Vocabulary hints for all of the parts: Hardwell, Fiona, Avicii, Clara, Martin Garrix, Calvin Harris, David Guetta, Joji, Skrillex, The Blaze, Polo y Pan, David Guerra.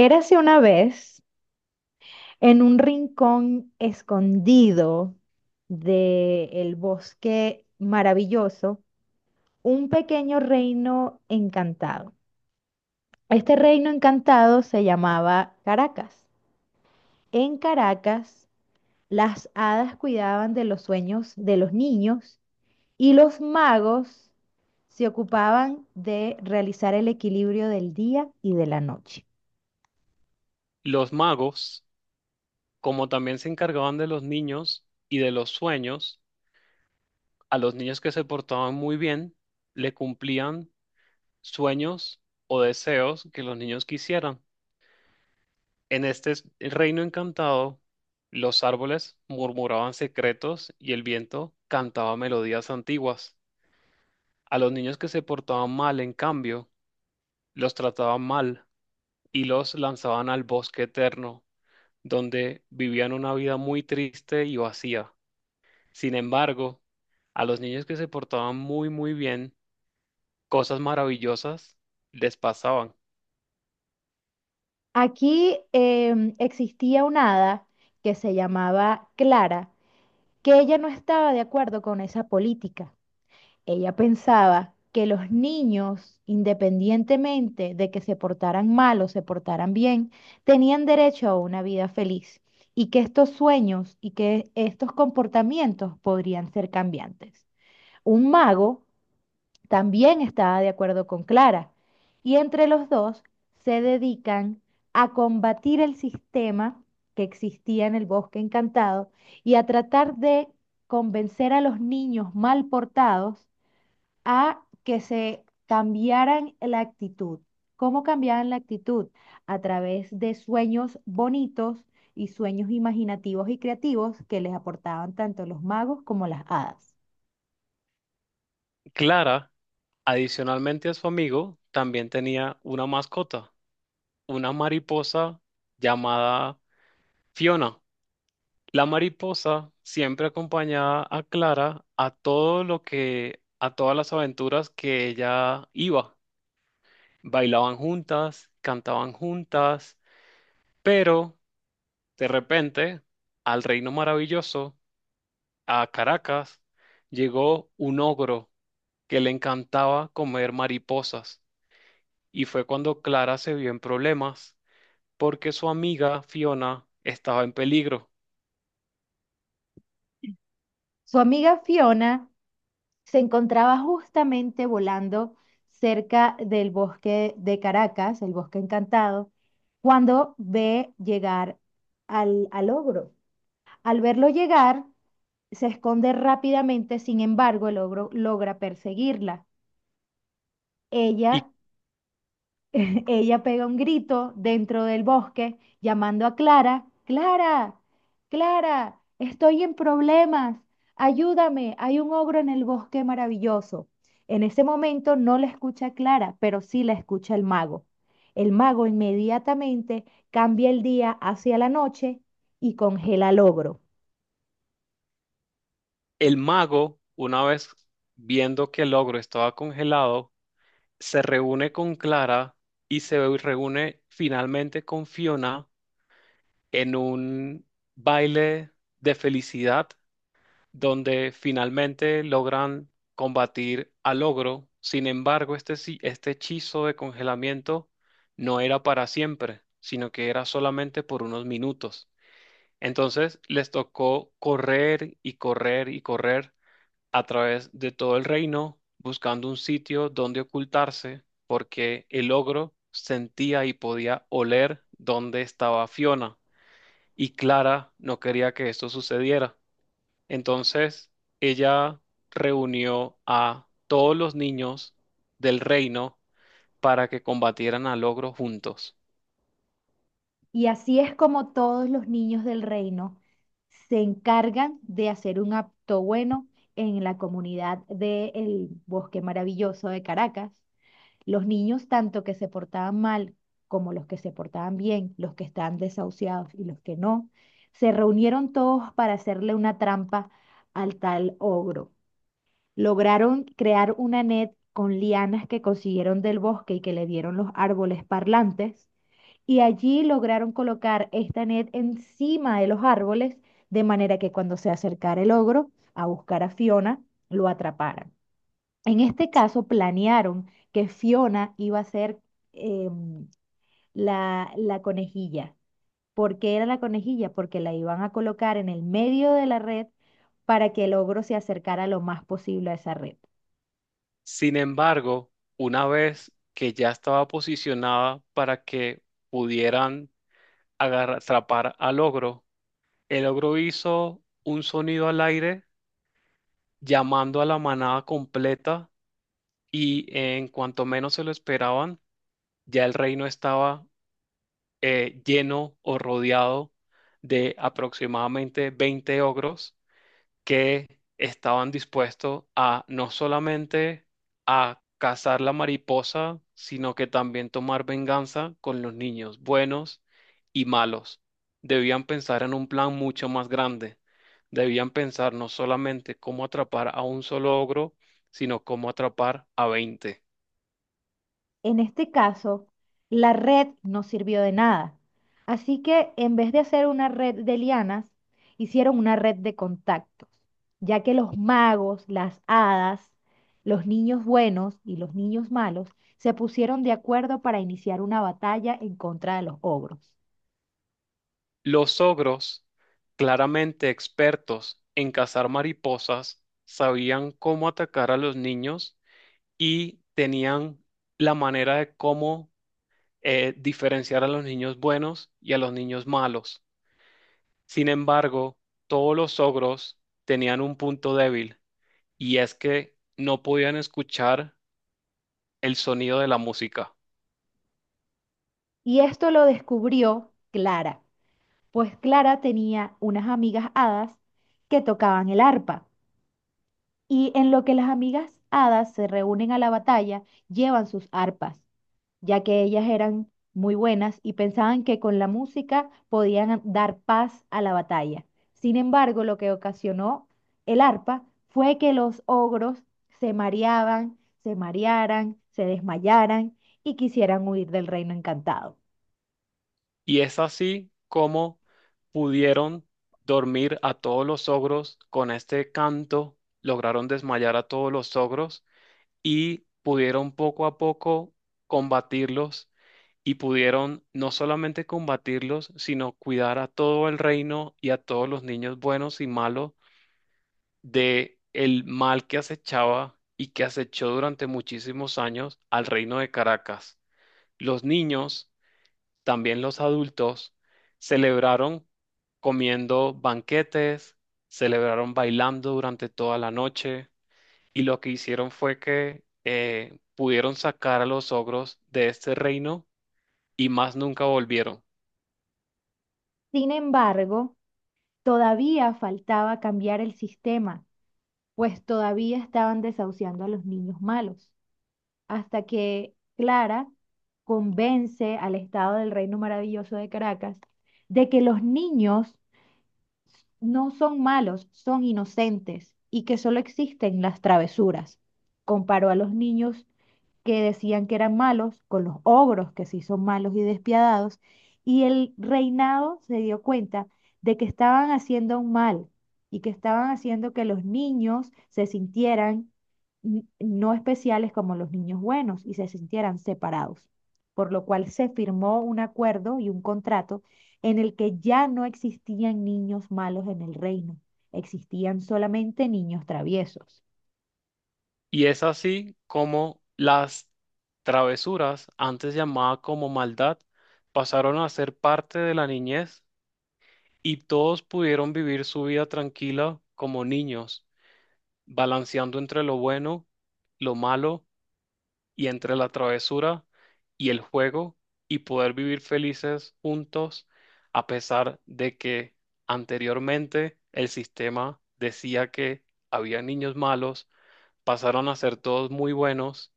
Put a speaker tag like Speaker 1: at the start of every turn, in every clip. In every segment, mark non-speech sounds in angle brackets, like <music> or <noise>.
Speaker 1: Érase una vez en un rincón escondido del bosque maravilloso un pequeño reino encantado. Este reino encantado se llamaba Caracas. En Caracas, las hadas cuidaban de los sueños de los niños y los magos se ocupaban de realizar el equilibrio del día y de la noche.
Speaker 2: Los magos, como también se encargaban de los niños y de los sueños, a los niños que se portaban muy bien, le cumplían sueños o deseos que los niños quisieran. En este reino encantado, los árboles murmuraban secretos y el viento cantaba melodías antiguas. A los niños que se portaban mal, en cambio, los trataban mal y los lanzaban al bosque eterno, donde vivían una vida muy triste y vacía. Sin embargo, a los niños que se portaban muy, muy bien, cosas maravillosas les pasaban.
Speaker 1: Aquí existía una hada que se llamaba Clara, que ella no estaba de acuerdo con esa política. Ella pensaba que los niños, independientemente de que se portaran mal o se portaran bien, tenían derecho a una vida feliz y que estos sueños y que estos comportamientos podrían ser cambiantes. Un mago también estaba de acuerdo con Clara, y entre los dos se dedican a combatir el sistema que existía en el Bosque Encantado y a tratar de convencer a los niños mal portados a que se cambiaran la actitud. ¿Cómo cambiaban la actitud? A través de sueños bonitos y sueños imaginativos y creativos que les aportaban tanto los magos como las hadas.
Speaker 2: Clara, adicionalmente a su amigo, también tenía una mascota, una mariposa llamada Fiona. La mariposa siempre acompañaba a Clara a a todas las aventuras que ella iba. Bailaban juntas, cantaban juntas, pero de repente, al reino maravilloso, a Caracas llegó un ogro que le encantaba comer mariposas, y fue cuando Clara se vio en problemas porque su amiga Fiona estaba en peligro.
Speaker 1: Su amiga Fiona se encontraba justamente volando cerca del bosque de Caracas, el bosque encantado, cuando ve llegar al ogro. Al verlo llegar, se esconde rápidamente. Sin embargo, el ogro logra perseguirla. Ella
Speaker 2: Y
Speaker 1: <laughs> ella pega un grito dentro del bosque, llamando a Clara: Clara, Clara, estoy en problemas, ayúdame, hay un ogro en el bosque maravilloso. En ese momento no la escucha Clara, pero sí la escucha el mago. El mago inmediatamente cambia el día hacia la noche y congela al ogro.
Speaker 2: el mago, una vez viendo que el ogro estaba congelado, se reúne con Clara y se reúne finalmente con Fiona en un baile de felicidad donde finalmente logran combatir al ogro. Sin embargo, este hechizo de congelamiento no era para siempre, sino que era solamente por unos minutos. Entonces les tocó correr y correr y correr a través de todo el reino, buscando un sitio donde ocultarse, porque el ogro sentía y podía oler dónde estaba Fiona, y Clara no quería que esto sucediera. Entonces, ella reunió a todos los niños del reino para que combatieran al ogro juntos.
Speaker 1: Y así es como todos los niños del reino se encargan de hacer un acto bueno en la comunidad del Bosque Maravilloso de Caracas. Los niños, tanto que se portaban mal como los que se portaban bien, los que están desahuciados y los que no, se reunieron todos para hacerle una trampa al tal ogro. Lograron crear una net con lianas que consiguieron del bosque y que le dieron los árboles parlantes, y allí lograron colocar esta net encima de los árboles, de manera que cuando se acercara el ogro a buscar a Fiona, lo atraparan. En este caso, planearon que Fiona iba a ser, em, la conejilla. ¿Por qué era la conejilla? Porque la iban a colocar en el medio de la red para que el ogro se acercara lo más posible a esa red.
Speaker 2: Sin embargo, una vez que ya estaba posicionada para que pudieran atrapar al ogro, el ogro hizo un sonido al aire llamando a la manada completa, y en cuanto menos se lo esperaban, ya el reino estaba lleno o rodeado de aproximadamente 20 ogros que estaban dispuestos a no solamente a cazar la mariposa, sino que también tomar venganza con los niños buenos y malos. Debían pensar en un plan mucho más grande. Debían pensar no solamente cómo atrapar a un solo ogro, sino cómo atrapar a 20.
Speaker 1: En este caso, la red no sirvió de nada. Así que en vez de hacer una red de lianas, hicieron una red de contactos, ya que los magos, las hadas, los niños buenos y los niños malos se pusieron de acuerdo para iniciar una batalla en contra de los ogros.
Speaker 2: Los ogros, claramente expertos en cazar mariposas, sabían cómo atacar a los niños, y tenían la manera de cómo diferenciar a los niños buenos y a los niños malos. Sin embargo, todos los ogros tenían un punto débil, y es que no podían escuchar el sonido de la música.
Speaker 1: Y esto lo descubrió Clara, pues Clara tenía unas amigas hadas que tocaban el arpa. Y en lo que las amigas hadas se reúnen a la batalla, llevan sus arpas, ya que ellas eran muy buenas y pensaban que con la música podían dar paz a la batalla. Sin embargo, lo que ocasionó el arpa fue que los ogros se mareaban, se marearan, se desmayaran y quisieran huir del reino encantado.
Speaker 2: Y es así como pudieron dormir a todos los ogros con este canto, lograron desmayar a todos los ogros y pudieron poco a poco combatirlos, y pudieron no solamente combatirlos, sino cuidar a todo el reino y a todos los niños buenos y malos de el mal que acechaba y que acechó durante muchísimos años al reino de Caracas. Los niños, también los adultos, celebraron comiendo banquetes, celebraron bailando durante toda la noche, y lo que hicieron fue que pudieron sacar a los ogros de este reino y más nunca volvieron.
Speaker 1: Sin embargo, todavía faltaba cambiar el sistema, pues todavía estaban desahuciando a los niños malos, hasta que Clara convence al Estado del Reino Maravilloso de Caracas de que los niños no son malos, son inocentes y que solo existen las travesuras. Comparó a los niños que decían que eran malos con los ogros, que sí son malos y despiadados, y el reinado se dio cuenta de que estaban haciendo un mal y que estaban haciendo que los niños se sintieran no especiales como los niños buenos y se sintieran separados, por lo cual se firmó un acuerdo y un contrato en el que ya no existían niños malos en el reino, existían solamente niños traviesos,
Speaker 2: Y es así como las travesuras, antes llamada como maldad, pasaron a ser parte de la niñez, y todos pudieron vivir su vida tranquila como niños balanceando entre lo bueno, lo malo y entre la travesura y el juego, y poder vivir felices juntos a pesar de que anteriormente el sistema decía que había niños malos, pasaron a ser todos muy buenos.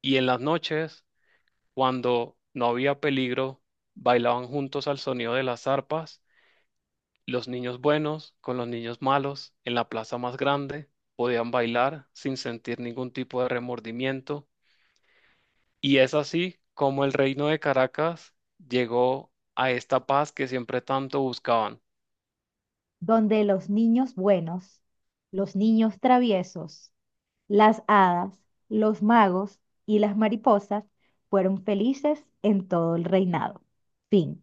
Speaker 2: Y en las noches, cuando no había peligro, bailaban juntos al sonido de las arpas los niños buenos con los niños malos en la plaza más grande, podían bailar sin sentir ningún tipo de remordimiento. Y es así como el reino de Caracas llegó a esta paz que siempre tanto buscaban.
Speaker 1: donde los niños buenos, los niños traviesos, las hadas, los magos y las mariposas fueron felices en todo el reinado. Fin.